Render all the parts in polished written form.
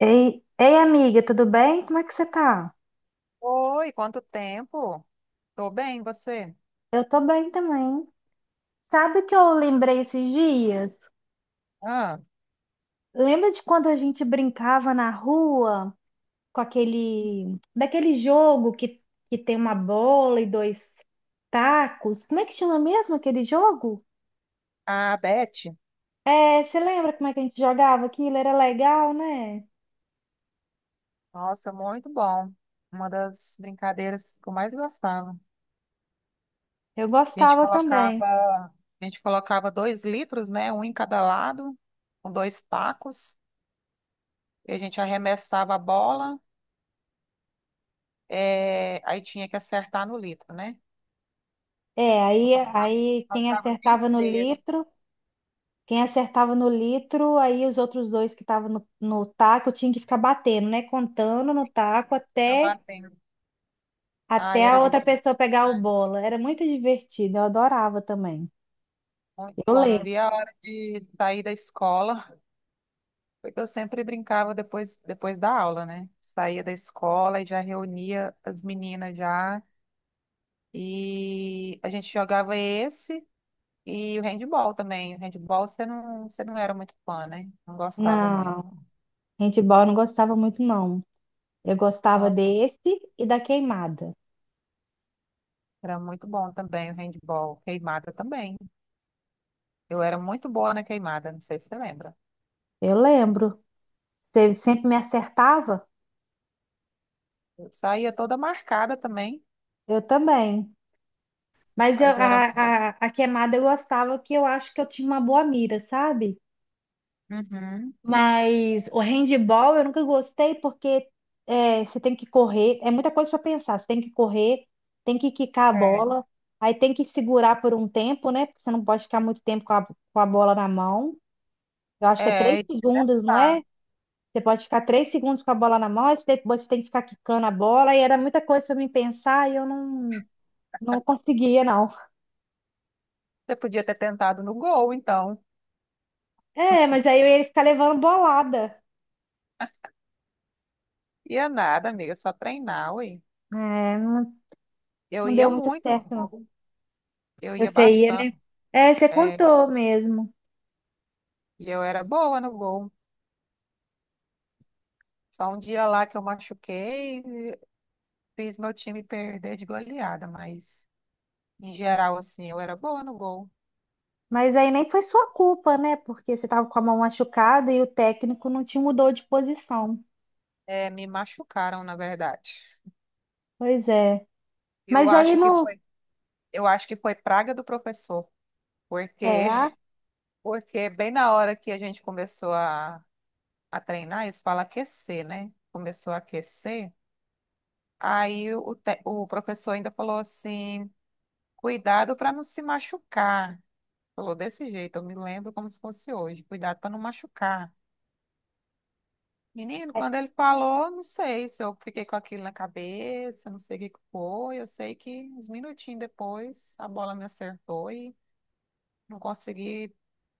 Ei, ei, amiga, tudo bem? Como é que você tá? Oi, quanto tempo? Tô bem, e você? Eu tô bem também. Sabe o que eu lembrei esses dias? Ah, Lembra de quando a gente brincava na rua com daquele jogo que tem uma bola e dois tacos? Como é que chama mesmo aquele jogo? a Beth. É, você lembra como é que a gente jogava aquilo? Era legal, né? Nossa, muito bom. Uma das brincadeiras que eu mais gostava. Eu a gente gostava também. colocava, a gente colocava dois litros, né? Um em cada lado, com dois tacos, e a gente arremessava a bola, é, aí tinha que acertar no litro, né? É, Eu aí, passava, aí quem passava o dia acertava no inteiro, litro. Quem acertava no litro, aí os outros dois que estavam no taco tinham que ficar batendo, né? Contando no taco tá batendo. Ai, até era a outra divertido, pessoa pegar o né? bola. Era muito divertido, eu adorava também. Muito Eu bom, não lembro. via a hora de sair da escola. Porque eu sempre brincava depois da aula, né? Saía da escola e já reunia as meninas já. E a gente jogava esse e o handball também. O handball você não era muito fã, né? Não gostava muito. Não, handball eu não gostava muito, não. Eu gostava Nossa, desse e da queimada. era muito bom também o handball. Queimada também. Eu era muito boa na queimada, não sei se você lembra. Eu lembro. Você sempre me acertava? Eu saía toda marcada também, Eu também. Mas eu- mas a, era. a, a queimada eu gostava, que eu acho que eu tinha uma boa mira, sabe? Uhum. Mas o handball eu nunca gostei porque você tem que correr, é muita coisa para pensar. Você tem que correr, tem que quicar a É. bola, aí tem que segurar por um tempo, né? Porque você não pode ficar muito tempo com com a bola na mão. Eu acho que é três É, e segundos, não tá. é? Você pode ficar 3 segundos com a bola na mão, depois você tem que ficar quicando a bola, e era muita coisa para mim pensar e eu não, não conseguia, não. Você podia ter tentado no gol, então. É, mas aí eu ia ficar levando bolada. Ia nada, amiga, é só treinar, ué. É, não, Eu não ia deu muito muito no certo, não. gol, eu Eu ia sei, bastante, né? É, você é, contou mesmo. e eu era boa no gol. Só um dia lá que eu machuquei, fiz meu time perder de goleada, mas em geral, assim, eu era boa no gol. Mas aí nem foi sua culpa, né? Porque você estava com a mão machucada e o técnico não te mudou de posição. É, me machucaram, na verdade. Pois é. Eu Mas aí acho que no. foi, eu acho que foi praga do professor, porque, Será? porque bem na hora que a gente começou a treinar, eles falam aquecer, né? Começou a aquecer. Aí o professor ainda falou assim: cuidado para não se machucar. Falou desse jeito, eu me lembro como se fosse hoje: cuidado para não machucar. Menino, quando ele falou, não sei se eu fiquei com aquilo na cabeça, não sei o que que foi. Eu sei que uns minutinhos depois a bola me acertou e não consegui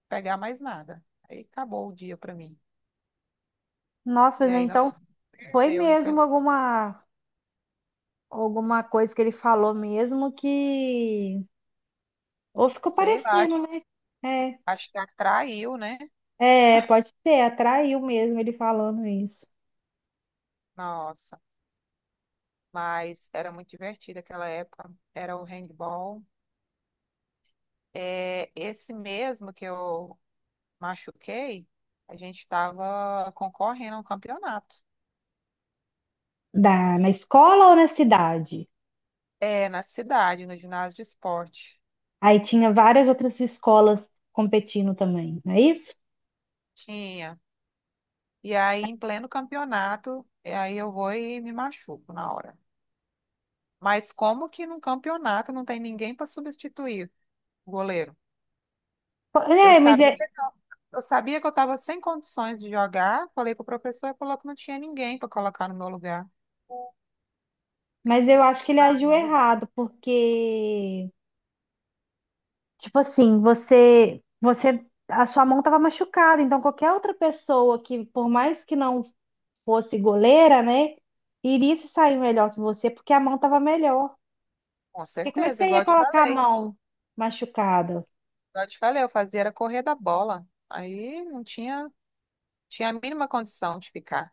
pegar mais nada. Aí acabou o dia para mim. Nossa, E mas aí nós então foi perdeu, mesmo alguma coisa que ele falou mesmo que. Ou ficou sei lá, parecendo, acho, né? acho que atraiu, né? Pode ser, atraiu mesmo ele falando isso. Nossa, mas era muito divertido aquela época. Era o handball. É, esse mesmo que eu machuquei, a gente estava concorrendo a um campeonato. Da, na escola ou na cidade? É, na cidade, no ginásio de esporte. Aí tinha várias outras escolas competindo também, não é isso? Tinha. E aí, em pleno campeonato, e aí eu vou e me machuco na hora. Mas como que num campeonato não tem ninguém para substituir o goleiro? É, Eu mas é. sabia, eu sabia que eu estava sem condições de jogar, falei pro professor e falou que não tinha ninguém para colocar no meu lugar. Mas eu acho que ele agiu errado, porque, tipo assim, você, a sua mão estava machucada, então qualquer outra pessoa que, por mais que não fosse goleira, né, iria se sair melhor que você, porque a mão estava melhor. Com Porque como é que certeza, você igual ia eu te colocar a falei. mão machucada? Igual eu te falei, eu fazia era correr da bola. Aí não tinha a mínima condição de ficar.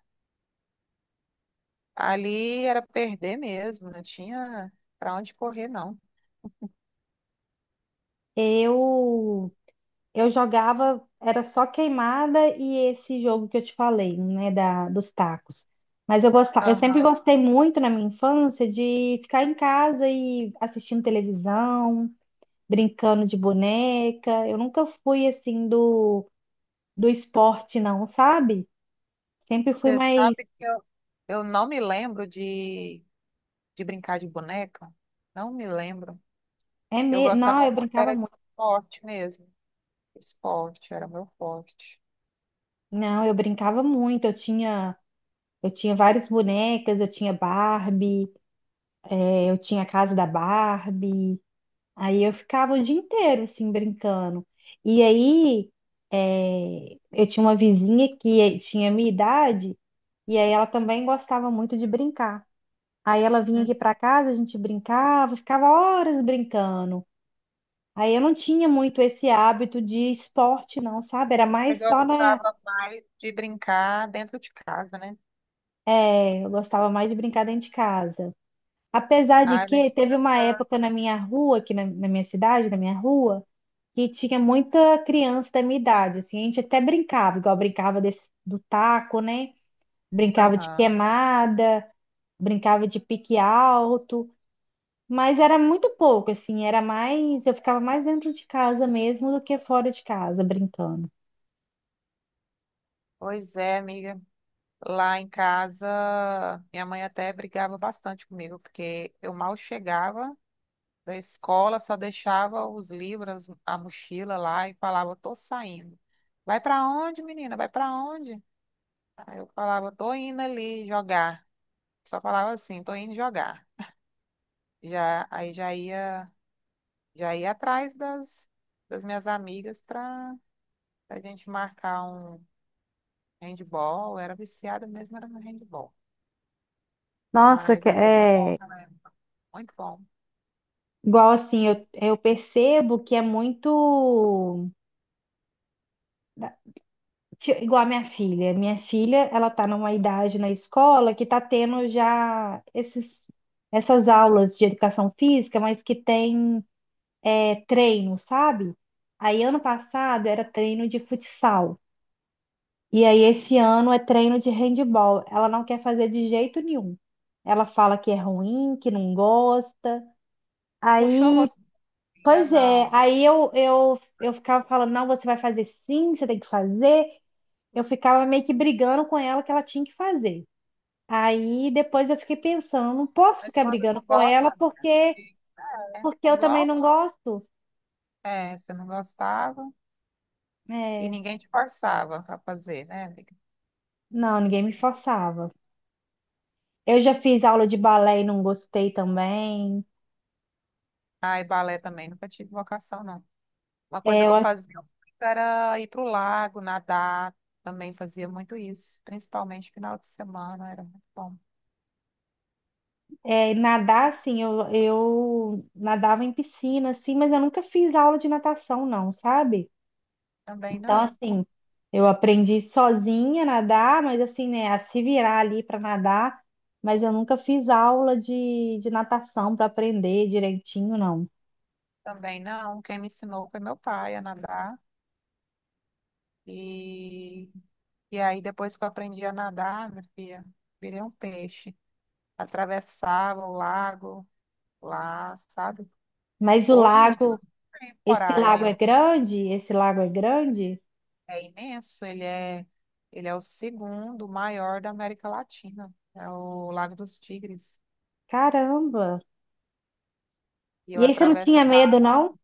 Ali era perder mesmo, não tinha para onde correr, não. Eu Eu jogava, era só queimada e esse jogo que eu te falei, né, dos tacos. Mas eu gostava, eu sempre Aham. gostei muito na minha infância de ficar em casa e assistindo televisão, brincando de boneca. Eu nunca fui assim do esporte, não, sabe? Sempre fui Você mais. sabe que eu não me lembro de brincar de boneca? Não me lembro. É Eu me... Não, gostava eu muito, brincava era de muito. esporte mesmo. Esporte era meu forte. Não, eu brincava muito. Eu tinha várias bonecas, eu tinha Barbie, eu tinha a casa da Barbie. Aí eu ficava o dia inteiro, assim, brincando. E aí, eu tinha uma vizinha que tinha a minha idade, e aí ela também gostava muito de brincar. Aí ela vinha aqui Hum. para casa, a gente brincava, ficava horas brincando. Aí eu não tinha muito esse hábito de esporte, não, sabe? Era Eu mais só na. gostava mais de brincar dentro de casa, né? Eh, eu gostava mais de brincar dentro de casa. Apesar de Ah, lá em que teve uma casa. época na minha rua, aqui na minha cidade, na minha rua, que tinha muita criança da minha idade, assim, a gente até brincava, igual brincava do taco, né? Brincava de Aham. queimada, brincava de pique alto, mas era muito pouco, assim, era mais, eu ficava mais dentro de casa mesmo do que fora de casa brincando. Pois é, amiga. Lá em casa, minha mãe até brigava bastante comigo, porque eu mal chegava da escola, só deixava os livros, a mochila lá e falava, tô saindo. Vai pra onde, menina? Vai pra onde? Aí eu falava, tô indo ali jogar. Só falava assim, tô indo jogar. Aí já ia atrás das minhas amigas pra a gente marcar um handball. Eu era viciada mesmo, era no handball. Nossa, Mas que- é muito bom, é né? Muito bom. igual assim, eu percebo que é muito Ti- Igual a minha filha. Minha filha, ela tá numa idade na escola que tá tendo já essas aulas de educação física, mas que tem treino, sabe? Aí ano passado era treino de futsal. E aí esse ano é treino de handball. Ela não quer fazer de jeito nenhum. Ela fala que é ruim, que não gosta. Puxou Aí, você, amiga? pois é, Não. aí eu ficava falando, não, você vai fazer sim, você tem que fazer. Eu ficava meio que brigando com ela que ela tinha que fazer. Aí depois eu fiquei pensando, não posso Mas ficar quando brigando com ela gosta, não tem porque jeito, né? porque eu Não também não gosta? gosto. É, você não gostava e É, ninguém te forçava para fazer, né, amiga? não, ninguém me forçava. Eu já fiz aula de balé e não gostei também. Ah, e balé também, nunca tive vocação, não. Uma É, coisa que eu, eu acho- fazia muito era ir pro lago, nadar, também fazia muito isso, principalmente final de semana, era muito bom. é, nadar, assim, eu nadava em piscina, assim, mas eu nunca fiz aula de natação, não, sabe? Também Então, não, assim, eu aprendi sozinha a nadar, mas assim, né, a se virar ali para nadar, mas eu nunca fiz aula de natação para aprender direitinho, não. também não. Quem me ensinou foi meu pai a nadar. E E aí, depois que eu aprendi a nadar, minha filha, virei um peixe. Atravessava o lago lá, sabe? Mas o Hoje em dia, lago, eu tenho esse lago coragem. é grande? Esse lago é grande? É imenso. Ele é o segundo maior da América Latina. É o Lago dos Tigres. Caramba! E eu E aí você não tinha medo, atravessava, não?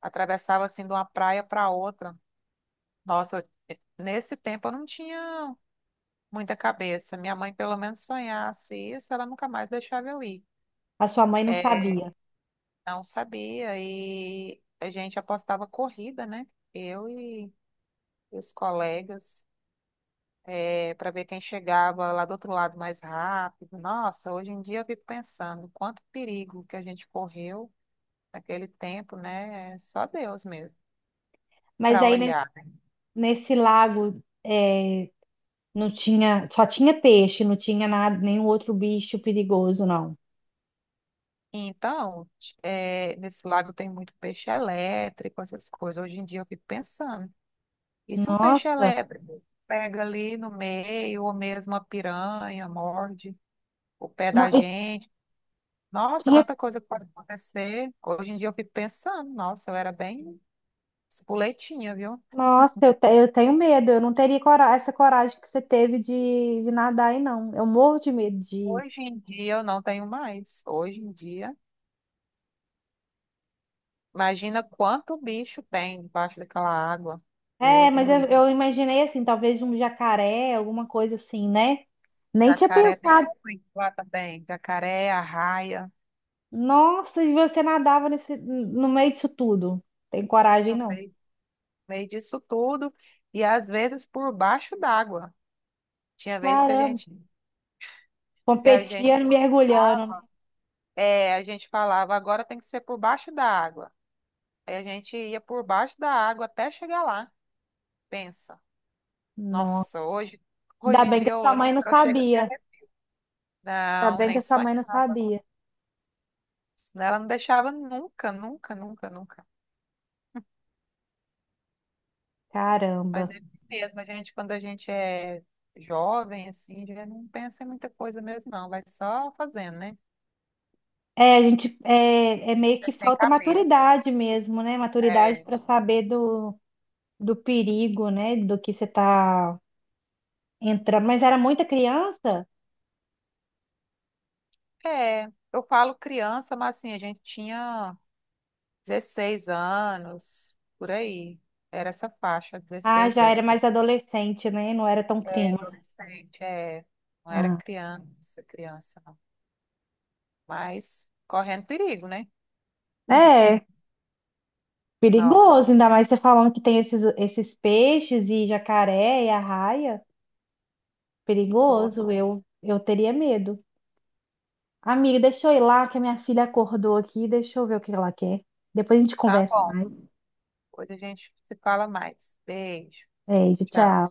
atravessava assim de uma praia para outra. Nossa, nesse tempo eu não tinha muita cabeça. Minha mãe, pelo menos, sonhasse isso, ela nunca mais deixava eu ir. A sua mãe não É, sabia. não sabia. E a gente apostava corrida, né? Eu e os colegas, para ver quem chegava lá do outro lado mais rápido. Nossa, hoje em dia eu fico pensando quanto perigo que a gente correu naquele tempo, né? Só Deus mesmo Mas para aí ne- olhar. nesse lago é, não tinha, só tinha peixe, não tinha nada, nenhum outro bicho perigoso, não. Então, nesse lago tem muito peixe elétrico, essas coisas. Hoje em dia eu fico pensando. E se um peixe Nossa! elétrico pega ali no meio, ou mesmo a piranha, morde o pé Não, da e gente? Nossa, tinha tanta coisa que pode acontecer. Hoje em dia eu fico pensando, nossa, eu era bem espoletinha, viu? Nossa, eu, te- eu tenho medo. Eu não teria cora- essa coragem que você teve de nadar aí, não. Eu morro de medo de. Hoje em dia eu não tenho mais. Hoje em dia, imagina quanto bicho tem debaixo daquela água. É, Deus mas me livre. eu imaginei assim, talvez um jacaré, alguma coisa assim, né? Nem tinha Jacaré tem pensado. muito lá também. Jacaré, arraia, Nossa, e você nadava no meio disso tudo. Tem coragem, no não. meio, no meio disso tudo. E às vezes por baixo d'água. Tinha vezes Caramba, que a gente, competia mergulhando, né? é, a gente falava, agora tem que ser por baixo da água. Aí a gente ia por baixo da água até chegar lá. Pensa, Nossa, nossa, hoje ainda em bem dia que a eu sua mãe lembro, não eu chego até. sabia. Ainda Não, bem que nem a sua mãe não sonhava. sabia. Senão ela não deixava nunca, nunca, nunca, nunca. Mas Caramba. é assim mesmo, quando a gente é jovem, assim, já não pensa em muita coisa mesmo, não. Vai só fazendo, né? É, a gente é, é meio É que sem falta cabeça. maturidade mesmo, né? Maturidade É, para saber do, do perigo, né? Do que você tá entrando. Mas era muita criança? é, eu falo criança, mas assim, a gente tinha 16 anos, por aí. Era essa faixa, Ah, 16 já era 17. mais adolescente, né? Não era tão É, criança. adolescente, é. Não era Ah, criança, criança, não. Mas correndo perigo, né? é Nossa, perigoso, ainda Senhora. mais você falando que tem esses peixes e jacaré e arraia. Tô- Perigoso, eu teria medo. Amiga, deixa eu ir lá que a minha filha acordou aqui. Deixa eu ver o que ela quer. Depois a gente tá conversa bom. mais. Depois a gente se fala mais. Beijo. Beijo, Tchau. tchau.